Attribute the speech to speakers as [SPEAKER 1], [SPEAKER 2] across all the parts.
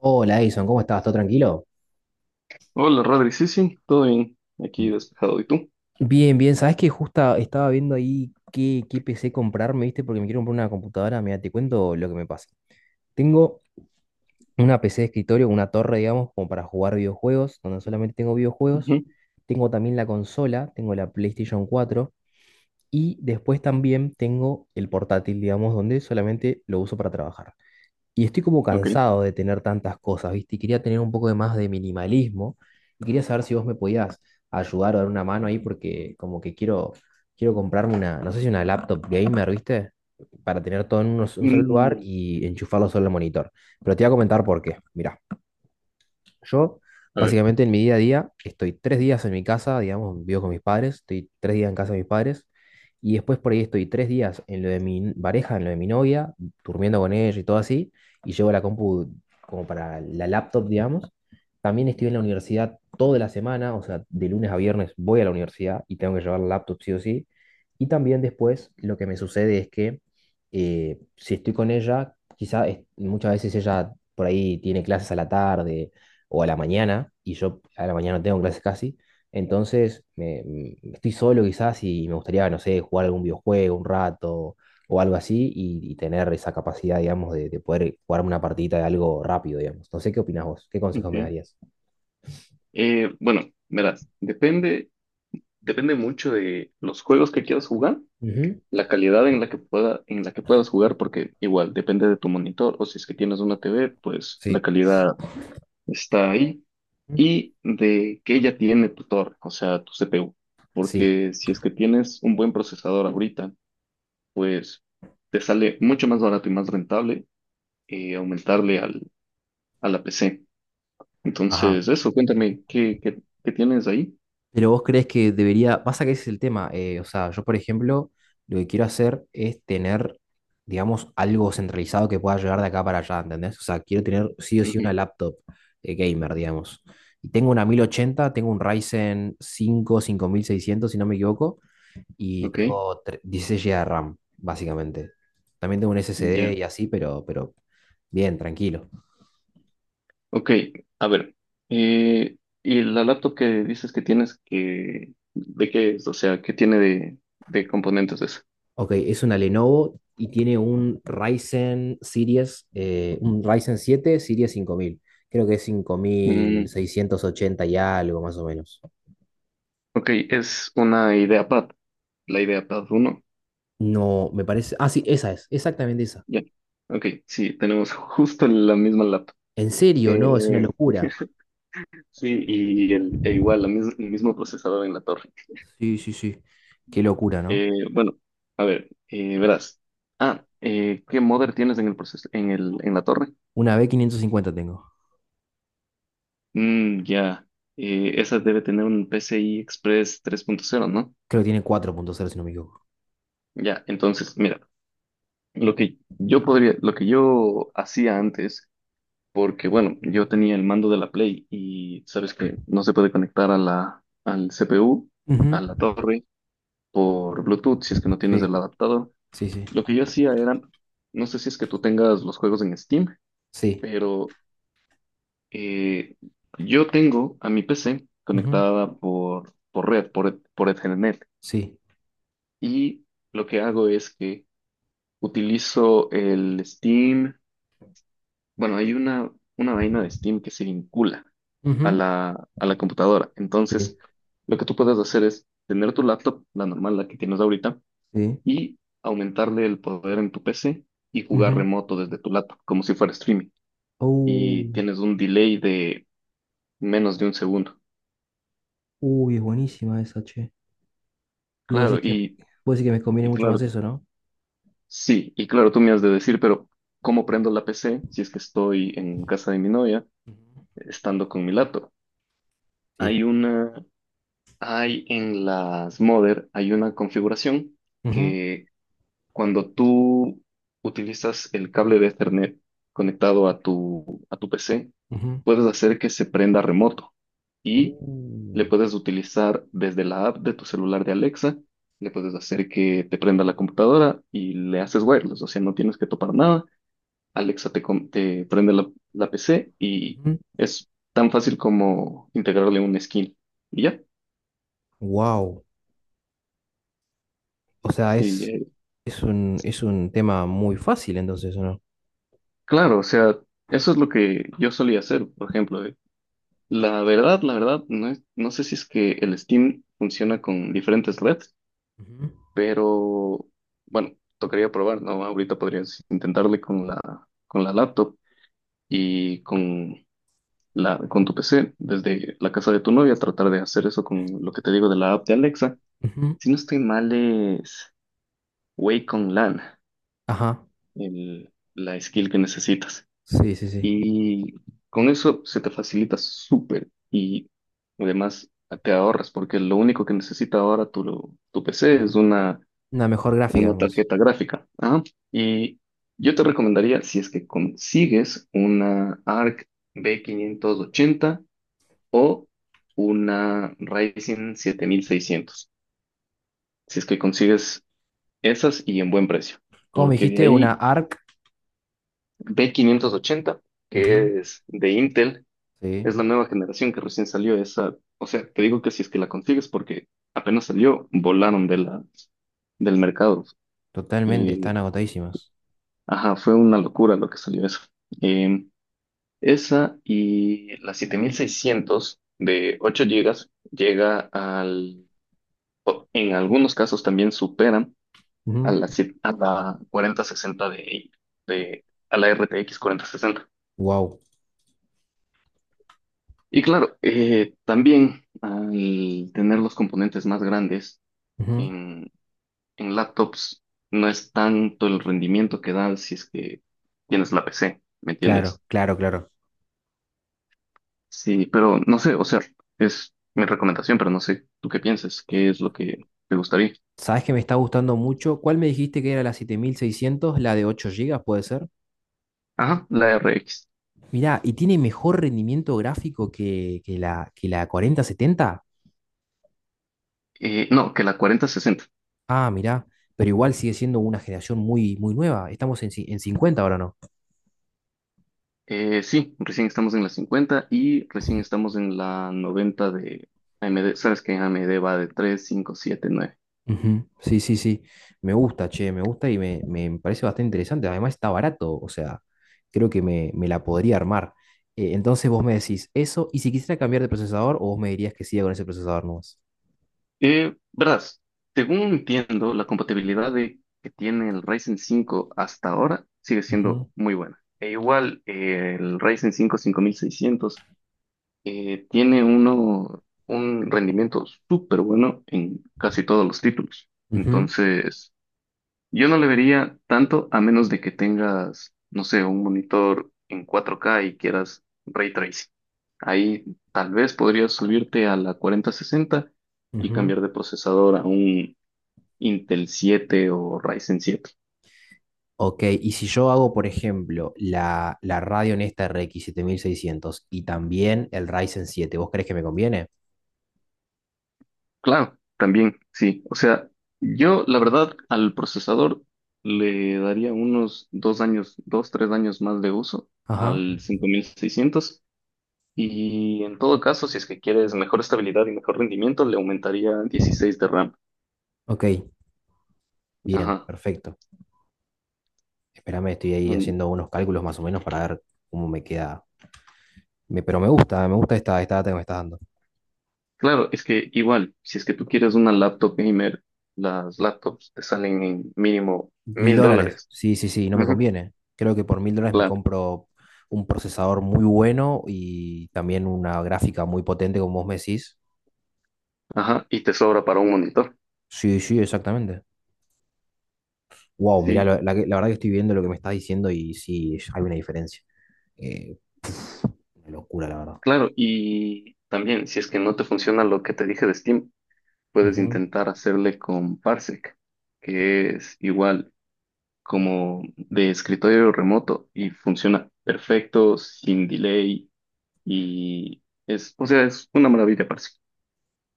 [SPEAKER 1] Hola Edison, ¿cómo estás? ¿Todo tranquilo?
[SPEAKER 2] Hola, Rodri. Sí, sí, todo bien. Aquí despejado. ¿Y tú?
[SPEAKER 1] Bien, bien, sabes que justo estaba viendo ahí qué PC comprarme, ¿viste? Porque me quiero comprar una computadora, mira, te cuento lo que me pasa. Tengo una PC de escritorio, una torre, digamos, como para jugar videojuegos, donde solamente tengo videojuegos.
[SPEAKER 2] Ujú.
[SPEAKER 1] Tengo también la consola, tengo la PlayStation 4 y después también tengo el portátil, digamos, donde solamente lo uso para trabajar. Y estoy como
[SPEAKER 2] Ok.
[SPEAKER 1] cansado de tener tantas cosas, ¿viste? Y quería tener un poco de más de minimalismo. Y quería saber si vos me podías ayudar o dar una mano ahí porque como que quiero, quiero comprarme una, no sé si una laptop gamer, ¿viste? Para tener todo en un solo lugar
[SPEAKER 2] Mm,
[SPEAKER 1] y enchufarlo solo al monitor. Pero te voy a comentar por qué. Mirá. Yo,
[SPEAKER 2] a ver,
[SPEAKER 1] básicamente, en mi día a día, estoy tres días en mi casa, digamos, vivo con mis padres, estoy tres días en casa de mis padres, y después por ahí estoy tres días en lo de pareja, en lo de mi novia, durmiendo con ella y todo así, y llevo la compu como para la laptop, digamos. También estoy en la universidad toda la semana, o sea, de lunes a viernes voy a la universidad y tengo que llevar la laptop sí o sí. Y también después lo que me sucede es que si estoy con ella, muchas veces ella por ahí tiene clases a la tarde o a la mañana, y yo a la mañana no tengo clases casi, entonces estoy solo quizás y me gustaría, no sé, jugar algún videojuego un rato o algo así y tener esa capacidad, digamos, de poder jugarme una partidita de algo rápido, digamos. No sé qué opinás vos, qué consejos me
[SPEAKER 2] ok.
[SPEAKER 1] darías.
[SPEAKER 2] Bueno, verás, depende, depende mucho de los juegos que quieras jugar,
[SPEAKER 1] Ujú.
[SPEAKER 2] la calidad en la que puedas jugar, porque igual depende de tu monitor, o si es que tienes una TV, pues la
[SPEAKER 1] Sí.
[SPEAKER 2] calidad está ahí, y de que ella tiene tu torre, o sea, tu CPU.
[SPEAKER 1] Sí.
[SPEAKER 2] Porque si es que tienes un buen procesador ahorita, pues te sale mucho más barato y más rentable, aumentarle a la PC.
[SPEAKER 1] Ajá.
[SPEAKER 2] Entonces, eso, cuéntame, ¿qué tienes ahí?
[SPEAKER 1] Pero vos crees que debería, pasa que ese es el tema, o sea, yo por ejemplo, lo que quiero hacer es tener, digamos, algo centralizado que pueda llegar de acá para allá, ¿entendés? O sea, quiero tener sí o sí una
[SPEAKER 2] Ujú.
[SPEAKER 1] laptop, gamer, digamos. Y tengo una 1080, tengo un Ryzen 5 5600, si no me equivoco, y
[SPEAKER 2] Ok.
[SPEAKER 1] tengo 16 GB de RAM, básicamente. También tengo un
[SPEAKER 2] Ya.
[SPEAKER 1] SSD y así, pero bien, tranquilo.
[SPEAKER 2] Ok, a ver, eh, y la laptop que dices que tienes, ¿de qué es? O sea, ¿qué tiene de componentes eso?
[SPEAKER 1] Ok, es una Lenovo y tiene un Ryzen Series, un Ryzen 7 Series 5000. Creo que es cinco mil
[SPEAKER 2] Mm,
[SPEAKER 1] seiscientos ochenta y algo, más o menos.
[SPEAKER 2] ok, es una IdeaPad, la IdeaPad 1.
[SPEAKER 1] No, me parece. Ah, sí, esa es, exactamente esa.
[SPEAKER 2] Ya, ok, sí, tenemos justo la misma laptop.
[SPEAKER 1] En serio, no, es una
[SPEAKER 2] Eh,
[SPEAKER 1] locura.
[SPEAKER 2] sí, e igual, el mismo procesador en la torre.
[SPEAKER 1] Sí, sí, sí. Qué locura, ¿no?
[SPEAKER 2] Bueno, a ver, verás. Ah, ¿qué modder tienes en en la torre?
[SPEAKER 1] Una B550 tengo.
[SPEAKER 2] Mm, ya. Esa debe tener un PCI Express 3.0, ¿no?
[SPEAKER 1] Creo que tiene 4.0, si no me equivoco.
[SPEAKER 2] Ya, entonces, mira, lo que yo hacía antes, porque bueno, yo tenía el mando de la Play y sabes que no se puede conectar al CPU, a
[SPEAKER 1] Ujú.
[SPEAKER 2] la torre, por Bluetooth, si es que no tienes
[SPEAKER 1] Sí,
[SPEAKER 2] el adaptador.
[SPEAKER 1] sí, sí.
[SPEAKER 2] Lo que yo hacía era, no sé si es que tú tengas los juegos en Steam,
[SPEAKER 1] Sí.
[SPEAKER 2] pero Eh, yo tengo a mi PC
[SPEAKER 1] Ujú.
[SPEAKER 2] conectada por red, por Ethernet,
[SPEAKER 1] Sí.
[SPEAKER 2] y lo que hago es que utilizo el Steam. Bueno, hay una vaina de Steam que se vincula
[SPEAKER 1] Ujú.
[SPEAKER 2] a la computadora. Entonces,
[SPEAKER 1] Sí.
[SPEAKER 2] lo que tú puedes hacer es tener tu laptop, la normal, la que tienes ahorita,
[SPEAKER 1] Sí.
[SPEAKER 2] y aumentarle el poder en tu PC y jugar
[SPEAKER 1] Ujú.
[SPEAKER 2] remoto desde tu laptop, como si fuera streaming. Y
[SPEAKER 1] Oh,
[SPEAKER 2] tienes un delay de menos de un segundo.
[SPEAKER 1] uy, es buenísima esa, che. Y
[SPEAKER 2] Claro, y
[SPEAKER 1] vos decís que me conviene
[SPEAKER 2] Y
[SPEAKER 1] mucho más
[SPEAKER 2] claro,
[SPEAKER 1] eso, ¿no?
[SPEAKER 2] sí, y claro, tú me has de decir, pero ¿cómo prendo la PC si es que estoy en casa de mi novia,
[SPEAKER 1] Ujú.
[SPEAKER 2] estando con mi laptop?
[SPEAKER 1] Sí.
[SPEAKER 2] Hay hay en las Mother, hay una configuración
[SPEAKER 1] Ujú,
[SPEAKER 2] que cuando tú utilizas el cable de Ethernet conectado a tu PC,
[SPEAKER 1] ujú,
[SPEAKER 2] puedes hacer que se prenda remoto y le
[SPEAKER 1] ujú.
[SPEAKER 2] puedes utilizar desde la app de tu celular de Alexa, le puedes hacer que te prenda la computadora y le haces wireless, o sea, no tienes que topar nada. Alexa te, te prende la PC y es tan fácil como integrarle un skin y ya.
[SPEAKER 1] Wow. O sea,
[SPEAKER 2] Sí,
[SPEAKER 1] es un tema muy fácil entonces, ¿o no?
[SPEAKER 2] claro, o sea, eso es lo que yo solía hacer, por ejemplo. La verdad, no sé si es que el Steam funciona con diferentes redes,
[SPEAKER 1] Ujú,
[SPEAKER 2] pero bueno, tocaría probar, ¿no? Ahorita podrías intentarle con la laptop y con tu PC, desde la casa de tu novia, tratar de hacer eso con lo que te digo de la app de Alexa.
[SPEAKER 1] ujú.
[SPEAKER 2] Si no estoy mal, es Wacom LAN,
[SPEAKER 1] Ajá.
[SPEAKER 2] la skill que necesitas.
[SPEAKER 1] Sí, sí, sí.
[SPEAKER 2] Y con eso se te facilita súper y además te ahorras, porque lo único que necesita ahora tu PC es una
[SPEAKER 1] Una mejor gráfica
[SPEAKER 2] una
[SPEAKER 1] nomás.
[SPEAKER 2] tarjeta gráfica. Ajá. Y yo te recomendaría, si es que consigues una ARC B580 o una Ryzen 7600, si es que consigues esas y en buen precio,
[SPEAKER 1] ¿Cómo me
[SPEAKER 2] porque de
[SPEAKER 1] dijiste? Una
[SPEAKER 2] ahí
[SPEAKER 1] ARC.
[SPEAKER 2] B580,
[SPEAKER 1] Ujú.
[SPEAKER 2] que es de Intel,
[SPEAKER 1] Sí,
[SPEAKER 2] es la nueva generación que recién salió esa, o sea, te digo que si es que la consigues porque apenas salió, volaron del mercado.
[SPEAKER 1] totalmente.
[SPEAKER 2] Eh,
[SPEAKER 1] Están agotadísimas.
[SPEAKER 2] Ajá, fue una locura lo que salió eso. Eh, Esa y la 7600 de 8 GB o en algunos casos también superan a
[SPEAKER 1] Ujú.
[SPEAKER 2] la, si- a la 4060 a la RTX 60.
[SPEAKER 1] Wow.
[SPEAKER 2] Y claro, también al tener los componentes más grandes
[SPEAKER 1] Ujú.
[SPEAKER 2] en, en laptops, no es tanto el rendimiento que da si es que tienes la PC, ¿me
[SPEAKER 1] Claro,
[SPEAKER 2] entiendes?
[SPEAKER 1] claro, claro.
[SPEAKER 2] Sí, pero no sé, o sea, es mi recomendación, pero no sé tú qué piensas, qué es lo que te gustaría.
[SPEAKER 1] ¿Sabes que me está gustando mucho? ¿Cuál me dijiste que era la 7600? ¿La de 8 gigas puede ser?
[SPEAKER 2] Ajá, la RX.
[SPEAKER 1] Mirá, ¿y tiene mejor rendimiento gráfico que, que la 4070?
[SPEAKER 2] No, que la 4060.
[SPEAKER 1] Ah, mirá, pero igual sigue siendo una generación muy, muy nueva. Estamos en, en 50 ahora, ¿no?
[SPEAKER 2] Sí, recién estamos en la 50 y recién estamos en la 90 de AMD. Sabes que AMD va de 3, 5, 7, 9.
[SPEAKER 1] Ujú. Sí, sí, sí. Me gusta, che, me gusta y me parece bastante interesante. Además está barato, o sea, creo que me la podría armar. Entonces vos me decís eso, y si quisiera cambiar de procesador, o vos me dirías que siga con ese procesador nomás.
[SPEAKER 2] Verás, según entiendo, la compatibilidad que tiene el Ryzen 5 hasta ahora sigue
[SPEAKER 1] Ujú,
[SPEAKER 2] siendo muy buena. E igual, el Ryzen 5 5600, tiene uno un rendimiento súper bueno en casi todos los títulos.
[SPEAKER 1] ujú,
[SPEAKER 2] Entonces, yo no le vería tanto a menos de que tengas, no sé, un monitor en 4K y quieras ray tracing. Ahí tal vez podrías subirte a la 4060 y
[SPEAKER 1] ujú.
[SPEAKER 2] cambiar de procesador a un Intel 7 o Ryzen 7.
[SPEAKER 1] Ok, y si yo hago, por ejemplo, la radio en esta RX 600 y también el Ryzen 7, ¿vos crees que me conviene?
[SPEAKER 2] Claro, también, sí. O sea, yo la verdad al procesador le daría unos 2 años, 2, 3 años más de uso
[SPEAKER 1] Ajá,
[SPEAKER 2] al 5600, y en todo caso, si es que quieres mejor estabilidad y mejor rendimiento, le aumentaría 16 de RAM.
[SPEAKER 1] ok, bien,
[SPEAKER 2] Ajá.
[SPEAKER 1] perfecto. Espérame, estoy ahí
[SPEAKER 2] Mm.
[SPEAKER 1] haciendo unos cálculos más o menos para ver cómo me queda. Pero me gusta esta data que me estás dando.
[SPEAKER 2] Claro, es que igual, si es que tú quieres una laptop gamer, las laptops te salen en mínimo
[SPEAKER 1] Mil
[SPEAKER 2] mil
[SPEAKER 1] dólares,
[SPEAKER 2] dólares.
[SPEAKER 1] sí, sí, sí, no me
[SPEAKER 2] Ujú.
[SPEAKER 1] conviene. Creo que por mil dólares me
[SPEAKER 2] Claro,
[SPEAKER 1] compro un procesador muy bueno y también una gráfica muy potente, como vos me decís.
[SPEAKER 2] ajá, y te sobra para un monitor.
[SPEAKER 1] Sí, sí, exactamente. Wow, mirá,
[SPEAKER 2] Sí.
[SPEAKER 1] la verdad que estoy viendo lo que me estás diciendo y sí, hay una diferencia. Eh, una locura, la verdad.
[SPEAKER 2] Claro, y también, si es que no te funciona lo que te dije de Steam, puedes
[SPEAKER 1] Ujú.
[SPEAKER 2] intentar hacerle con Parsec, que es igual como de escritorio remoto y funciona perfecto, sin delay, y es, o sea, es una maravilla, Parsec.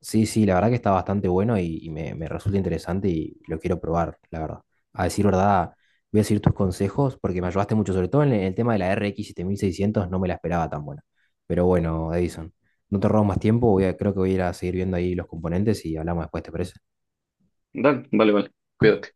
[SPEAKER 1] Sí, sí, la verdad que está bastante bueno y me resulta interesante y lo quiero probar, la verdad. A decir verdad, voy a seguir tus consejos porque me ayudaste mucho, sobre todo en el tema de la RX 7600, no me la esperaba tan buena. Pero bueno, Edison, no te robo más tiempo, creo que voy a ir a seguir viendo ahí los componentes y hablamos después, ¿te parece?
[SPEAKER 2] Dale, vale, vale, cuídate.